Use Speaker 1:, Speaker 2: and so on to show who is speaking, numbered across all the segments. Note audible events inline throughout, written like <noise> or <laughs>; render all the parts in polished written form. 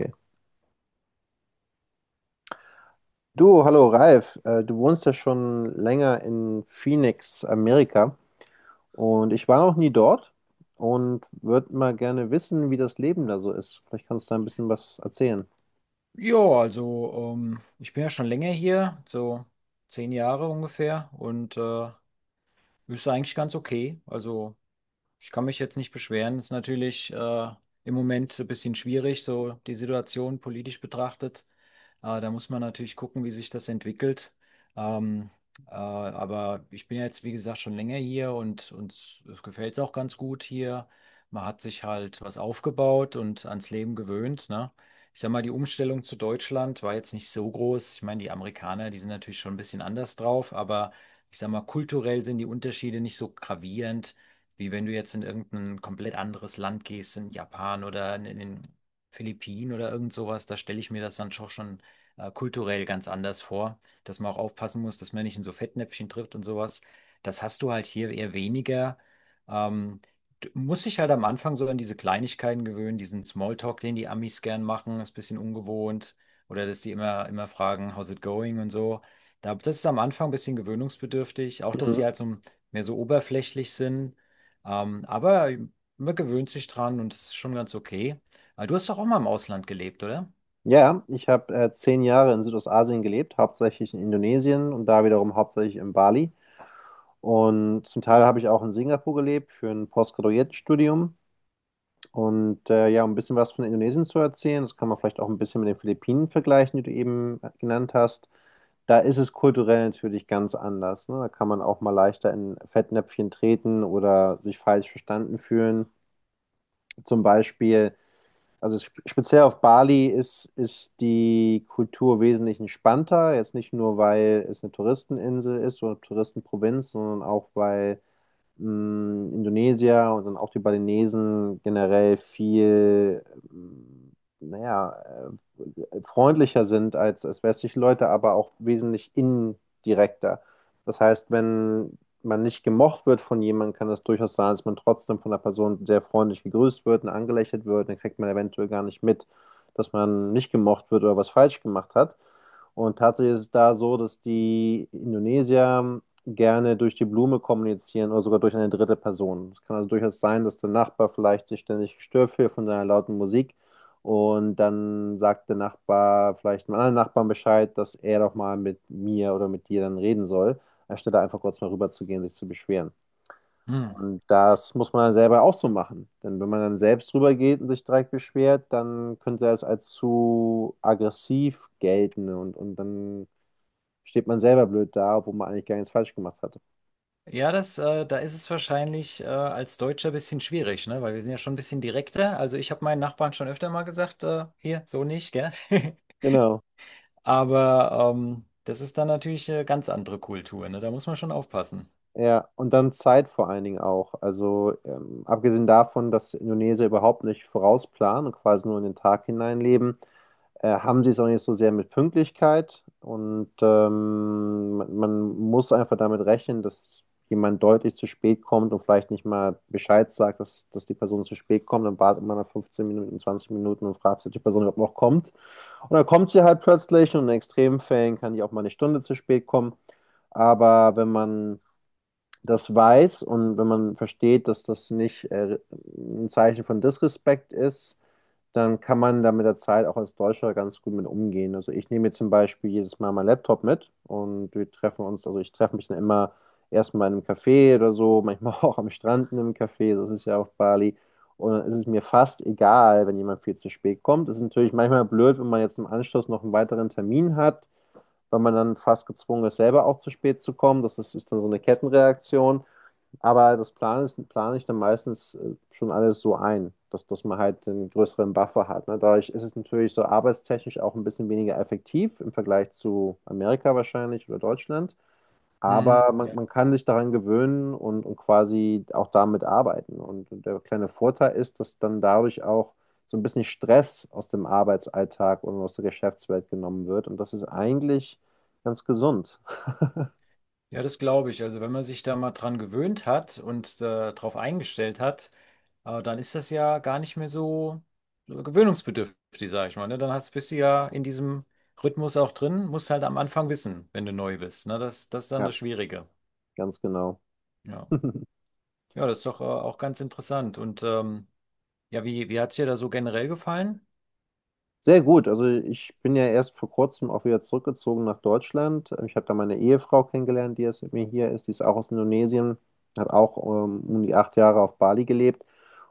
Speaker 1: Okay. Du, hallo Ralf, du wohnst ja schon länger in Phoenix, Amerika und ich war noch nie dort und würde mal gerne wissen, wie das Leben da so ist. Vielleicht kannst du da ein bisschen was erzählen.
Speaker 2: Ja, also ich bin ja schon länger hier, so 10 Jahre ungefähr und ist eigentlich ganz okay. Also ich kann mich jetzt nicht beschweren. Ist natürlich im Moment so ein bisschen schwierig, so die Situation politisch betrachtet. Da muss man natürlich gucken, wie sich das entwickelt. Ähm, aber ich bin ja jetzt, wie gesagt, schon länger hier und uns gefällt es auch ganz gut hier. Man hat sich halt was aufgebaut und ans Leben gewöhnt, ne? Ich sag mal, die Umstellung zu Deutschland war jetzt nicht so groß. Ich meine, die Amerikaner, die sind natürlich schon ein bisschen anders drauf, aber ich sag mal, kulturell sind die Unterschiede nicht so gravierend. Wie wenn du jetzt in irgendein komplett anderes Land gehst, in Japan oder in den Philippinen oder irgend sowas, da stelle ich mir das dann schon kulturell ganz anders vor, dass man auch aufpassen muss, dass man nicht in so Fettnäpfchen trifft und sowas. Das hast du halt hier eher weniger. Ähm, Du musst dich halt am Anfang so an diese Kleinigkeiten gewöhnen, diesen Smalltalk, den die Amis gern machen, ist ein bisschen ungewohnt. Oder dass die immer fragen, how's it going und so. Das ist am Anfang ein bisschen gewöhnungsbedürftig. Auch, dass
Speaker 1: Mhm.
Speaker 2: sie halt so ein mehr so oberflächlich sind, aber man gewöhnt sich dran und es ist schon ganz okay. Du hast doch auch mal im Ausland gelebt, oder?
Speaker 1: Ja, ich habe 10 Jahre in Südostasien gelebt, hauptsächlich in Indonesien und da wiederum hauptsächlich in Bali. Und zum Teil habe ich auch in Singapur gelebt für ein Postgraduiertstudium. Und ja, um ein bisschen was von Indonesien zu erzählen, das kann man vielleicht auch ein bisschen mit den Philippinen vergleichen, die du eben genannt hast. Da ist es kulturell natürlich ganz anders. Ne? Da kann man auch mal leichter in Fettnäpfchen treten oder sich falsch verstanden fühlen. Zum Beispiel, also speziell auf Bali ist die Kultur wesentlich entspannter. Jetzt nicht nur, weil es eine Touristeninsel ist oder Touristenprovinz, sondern auch, weil Indonesier und dann auch die Balinesen generell viel, mh, naja, freundlicher sind als westliche Leute, aber auch wesentlich indirekter. Das heißt, wenn man nicht gemocht wird von jemandem, kann es durchaus sein, dass man trotzdem von der Person sehr freundlich gegrüßt wird und angelächelt wird, dann kriegt man eventuell gar nicht mit, dass man nicht gemocht wird oder was falsch gemacht hat. Und tatsächlich ist es da so, dass die Indonesier gerne durch die Blume kommunizieren oder sogar durch eine dritte Person. Es kann also durchaus sein, dass der Nachbar vielleicht sich ständig gestört fühlt von deiner lauten Musik und dann sagt der Nachbar vielleicht einem anderen Nachbarn Bescheid, dass er doch mal mit mir oder mit dir dann reden soll, anstelle einfach kurz mal rüberzugehen, sich zu beschweren.
Speaker 2: Hm.
Speaker 1: Und das muss man dann selber auch so machen. Denn wenn man dann selbst rübergeht und sich direkt beschwert, dann könnte das als zu aggressiv gelten und dann steht man selber blöd da, obwohl man eigentlich gar nichts falsch gemacht hat.
Speaker 2: Ja, da ist es wahrscheinlich als Deutscher ein bisschen schwierig, ne? Weil wir sind ja schon ein bisschen direkter. Also ich habe meinen Nachbarn schon öfter mal gesagt, hier, so nicht, gell? <laughs>
Speaker 1: Genau.
Speaker 2: Aber das ist dann natürlich eine ganz andere Kultur, ne? Da muss man schon aufpassen.
Speaker 1: Ja, und dann Zeit vor allen Dingen auch. Also abgesehen davon, dass Indonesier überhaupt nicht vorausplanen und quasi nur in den Tag hineinleben, haben sie es auch nicht so sehr mit Pünktlichkeit. Und man muss einfach damit rechnen, dass jemand deutlich zu spät kommt und vielleicht nicht mal Bescheid sagt, dass die Person zu spät kommt. Dann wartet man nach 15 Minuten, 20 Minuten und fragt sich, ob die Person überhaupt noch kommt. Und dann kommt sie halt plötzlich und in extremen Fällen kann die auch mal eine Stunde zu spät kommen. Aber wenn man das weiß und wenn man versteht, dass das nicht ein Zeichen von Disrespekt ist, dann kann man da mit der Zeit auch als Deutscher ganz gut mit umgehen. Also ich nehme jetzt zum Beispiel jedes Mal meinen Laptop mit und wir treffen uns, also ich treffe mich dann immer erstmal in einem Café oder so, manchmal <laughs> auch am Strand in einem Café, das ist ja auf Bali. Und dann ist es mir fast egal, wenn jemand viel zu spät kommt. Es ist natürlich manchmal blöd, wenn man jetzt im Anschluss noch einen weiteren Termin hat, weil man dann fast gezwungen ist, selber auch zu spät zu kommen. Das ist dann so eine Kettenreaktion. Aber das Plan ist, plane ich dann meistens schon alles so ein, dass man halt einen größeren Buffer hat. Ne? Dadurch ist es natürlich so arbeitstechnisch auch ein bisschen weniger effektiv im Vergleich zu Amerika wahrscheinlich oder Deutschland.
Speaker 2: Hm.
Speaker 1: Aber man,
Speaker 2: Ja.
Speaker 1: man kann sich daran gewöhnen und quasi auch damit arbeiten. Und der kleine Vorteil ist, dass dann dadurch auch so ein bisschen Stress aus dem Arbeitsalltag und aus der Geschäftswelt genommen wird. Und das ist eigentlich ganz gesund. <laughs>
Speaker 2: Ja, das glaube ich. Also wenn man sich da mal dran gewöhnt hat und darauf eingestellt hat, dann ist das ja gar nicht mehr so gewöhnungsbedürftig, sage ich mal. Ne? Dann hast, bist du ja in diesem Rhythmus auch drin, musst halt am Anfang wissen, wenn du neu bist. Ne? Das ist dann
Speaker 1: Ja,
Speaker 2: das Schwierige.
Speaker 1: ganz genau.
Speaker 2: Ja,
Speaker 1: <laughs>
Speaker 2: ja, das ist doch auch ganz interessant. Und ja, wie hat es dir da so generell gefallen?
Speaker 1: Sehr gut. Also ich bin ja erst vor kurzem auch wieder zurückgezogen nach Deutschland. Ich habe da meine Ehefrau kennengelernt, die jetzt mit mir hier ist. Die ist auch aus Indonesien, hat auch um die 8 Jahre auf Bali gelebt.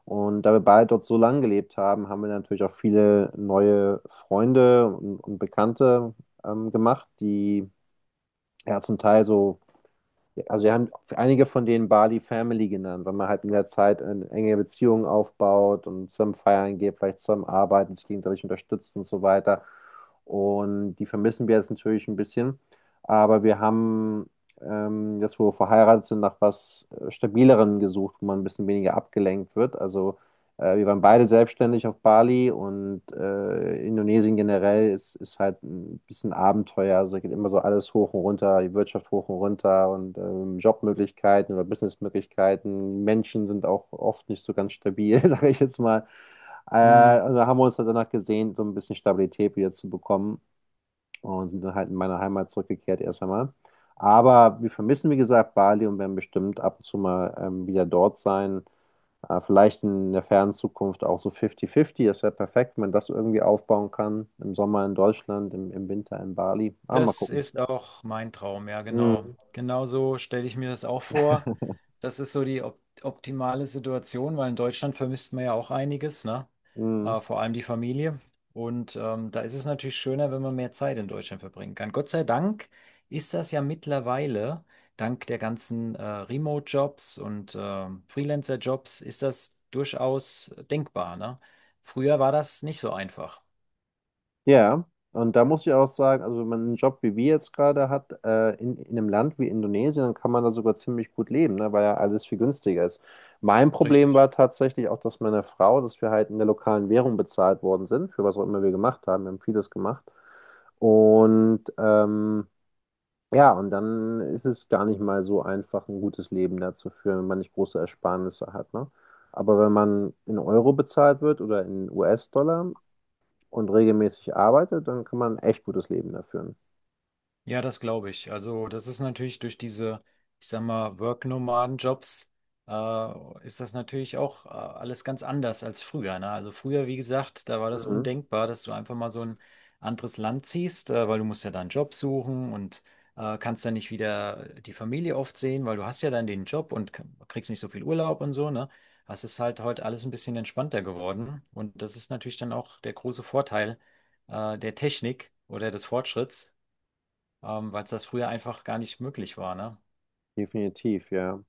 Speaker 1: Und da wir beide dort so lange gelebt haben, haben wir natürlich auch viele neue Freunde und Bekannte gemacht, die ja zum Teil so, ja, also wir haben einige von denen Bali Family genannt, weil man halt in der Zeit eine enge Beziehungen aufbaut und zusammen feiern geht, vielleicht zusammen arbeiten, sich gegenseitig unterstützt und so weiter. Und die vermissen wir jetzt natürlich ein bisschen. Aber wir haben jetzt, wo wir verheiratet sind, nach was Stabilerem gesucht, wo man ein bisschen weniger abgelenkt wird. Also wir waren beide selbstständig auf Bali und Indonesien generell ist halt ein bisschen Abenteuer. Also da geht immer so alles hoch und runter, die Wirtschaft hoch und runter und Jobmöglichkeiten oder Businessmöglichkeiten. Menschen sind auch oft nicht so ganz stabil, <laughs> sage ich jetzt mal. Also haben wir uns dann danach gesehen, so ein bisschen Stabilität wieder zu bekommen und sind dann halt in meine Heimat zurückgekehrt erst einmal. Aber wir vermissen, wie gesagt, Bali und werden bestimmt ab und zu mal wieder dort sein. Vielleicht in der fernen Zukunft auch so 50-50. Das wäre perfekt, wenn man das irgendwie aufbauen kann. Im Sommer in Deutschland, im, im Winter in Bali. Ah, mal
Speaker 2: Das
Speaker 1: gucken.
Speaker 2: ist auch mein Traum, ja, genau.
Speaker 1: Mhm.
Speaker 2: Genau so stelle ich mir das auch vor. Das ist so die op optimale Situation, weil in Deutschland vermisst man ja auch einiges, ne?
Speaker 1: Mhm.
Speaker 2: Vor allem die Familie. Und da ist es natürlich schöner, wenn man mehr Zeit in Deutschland verbringen kann. Gott sei Dank ist das ja mittlerweile, dank der ganzen Remote-Jobs und Freelancer-Jobs, ist das durchaus denkbar, ne? Früher war das nicht so einfach.
Speaker 1: Ja, und da muss ich auch sagen, also wenn man einen Job wie wir jetzt gerade hat, in einem Land wie Indonesien, dann kann man da sogar ziemlich gut leben, ne, weil ja alles viel günstiger ist. Mein Problem
Speaker 2: Richtig.
Speaker 1: war tatsächlich auch, dass meine Frau, dass wir halt in der lokalen Währung bezahlt worden sind, für was auch immer wir gemacht haben. Wir haben vieles gemacht. Und ja, und dann ist es gar nicht mal so einfach, ein gutes Leben da zu führen, wenn man nicht große Ersparnisse hat, ne? Aber wenn man in Euro bezahlt wird oder in US-Dollar und regelmäßig arbeitet, dann kann man ein echt gutes Leben da führen.
Speaker 2: Ja, das glaube ich. Also, das ist natürlich durch diese, ich sag mal, Work-Nomaden-Jobs, ist das natürlich auch alles ganz anders als früher, ne? Also früher, wie gesagt, da war das
Speaker 1: Mhm.
Speaker 2: undenkbar, dass du einfach mal so ein anderes Land ziehst, weil du musst ja dann einen Job suchen und kannst dann nicht wieder die Familie oft sehen, weil du hast ja dann den Job und kriegst nicht so viel Urlaub und so, ne? Das ist halt heute alles ein bisschen entspannter geworden und das ist natürlich dann auch der große Vorteil der Technik oder des Fortschritts weil es das früher einfach gar nicht möglich war, ne?
Speaker 1: Definitiv, ja.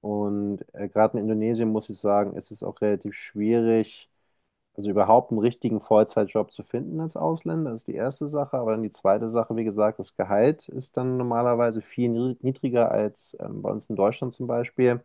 Speaker 1: Und gerade in Indonesien muss ich sagen, ist es auch relativ schwierig, also überhaupt einen richtigen Vollzeitjob zu finden als Ausländer, das ist die erste Sache. Aber dann die zweite Sache, wie gesagt, das Gehalt ist dann normalerweise viel niedriger als bei uns in Deutschland zum Beispiel.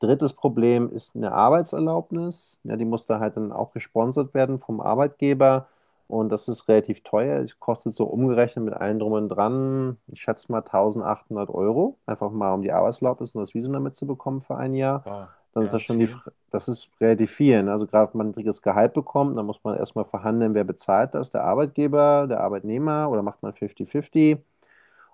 Speaker 1: Drittes Problem ist eine Arbeitserlaubnis. Ja, die muss da halt dann auch gesponsert werden vom Arbeitgeber. Und das ist relativ teuer. Es kostet so umgerechnet mit allem drum und dran, ich schätze mal 1800 Euro. Einfach mal, um die Arbeitserlaubnis und das Visum damit zu bekommen für ein Jahr.
Speaker 2: Wow,
Speaker 1: Dann ist
Speaker 2: ja,
Speaker 1: das
Speaker 2: das ist
Speaker 1: schon die,
Speaker 2: viel.
Speaker 1: Fr- das ist relativ viel. Ne? Also gerade wenn man ein niedriges Gehalt bekommt, dann muss man erstmal verhandeln, wer bezahlt das, der Arbeitgeber, der Arbeitnehmer oder macht man 50-50.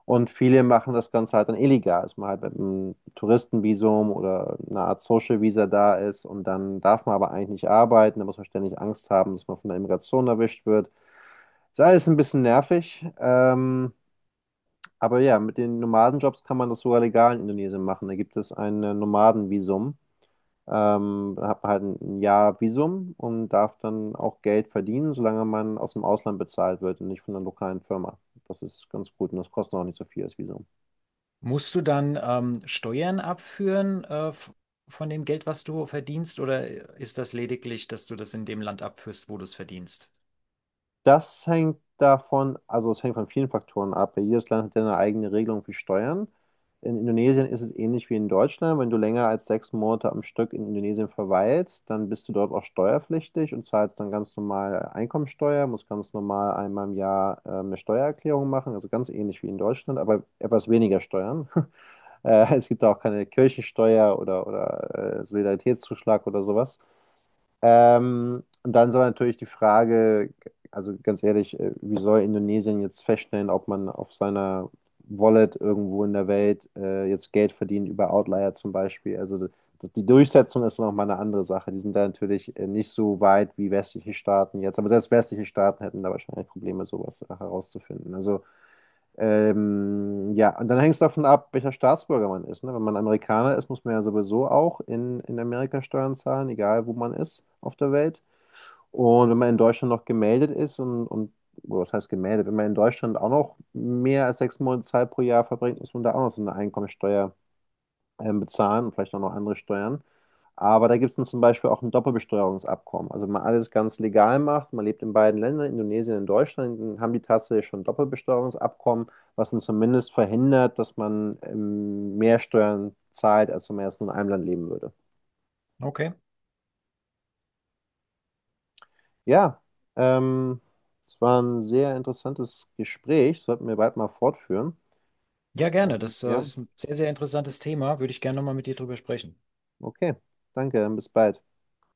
Speaker 1: Und viele machen das Ganze halt dann illegal, dass man halt mit einem Touristenvisum oder einer Art Social Visa da ist und dann darf man aber eigentlich nicht arbeiten, da muss man ständig Angst haben, dass man von der Immigration erwischt wird. Ist alles ein bisschen nervig, aber ja, mit den Nomadenjobs kann man das sogar legal in Indonesien machen. Da gibt es ein Nomadenvisum. Da hat man halt ein Jahr Visum und darf dann auch Geld verdienen, solange man aus dem Ausland bezahlt wird und nicht von einer lokalen Firma. Das ist ganz gut und das kostet auch nicht so viel, das Visum.
Speaker 2: Musst du dann Steuern abführen von dem Geld, was du verdienst, oder ist das lediglich, dass du das in dem Land abführst, wo du es verdienst?
Speaker 1: Das hängt davon, also es hängt von vielen Faktoren ab. Ja, jedes Land hat ja eine eigene Regelung für Steuern. In Indonesien ist es ähnlich wie in Deutschland. Wenn du länger als 6 Monate am Stück in Indonesien verweilst, dann bist du dort auch steuerpflichtig und zahlst dann ganz normal Einkommensteuer, musst ganz normal einmal im Jahr eine Steuererklärung machen, also ganz ähnlich wie in Deutschland, aber etwas weniger Steuern. <laughs> Es gibt da auch keine Kirchensteuer oder, Solidaritätszuschlag oder sowas. Und dann soll natürlich die Frage, also ganz ehrlich, wie soll Indonesien jetzt feststellen, ob man auf seiner Wallet irgendwo in der Welt jetzt Geld verdient über Outlier zum Beispiel? Also die Durchsetzung ist nochmal eine andere Sache. Die sind da natürlich nicht so weit wie westliche Staaten jetzt. Aber selbst westliche Staaten hätten da wahrscheinlich Probleme, sowas herauszufinden. Also ja, und dann hängt es davon ab, welcher Staatsbürger man ist. Ne? Wenn man Amerikaner ist, muss man ja sowieso auch in Amerika Steuern zahlen, egal wo man ist auf der Welt. Und wenn man in Deutschland noch gemeldet ist und oder was heißt gemeldet, wenn man in Deutschland auch noch mehr als 6 Monate Zeit pro Jahr verbringt, muss man da auch noch so eine Einkommensteuer bezahlen und vielleicht auch noch andere Steuern. Aber da gibt es dann zum Beispiel auch ein Doppelbesteuerungsabkommen. Also wenn man alles ganz legal macht, man lebt in beiden Ländern, Indonesien und Deutschland, dann haben die tatsächlich schon ein Doppelbesteuerungsabkommen, was dann zumindest verhindert, dass man mehr Steuern zahlt, als wenn man jetzt nur in einem Land leben würde.
Speaker 2: Okay.
Speaker 1: Ja, ähm, es war ein sehr interessantes Gespräch, sollten wir bald mal fortführen.
Speaker 2: Ja, gerne.
Speaker 1: Ähm,
Speaker 2: Das
Speaker 1: ja,
Speaker 2: ist ein sehr interessantes Thema. Würde ich gerne nochmal mit dir drüber sprechen.
Speaker 1: okay, danke, bis bald.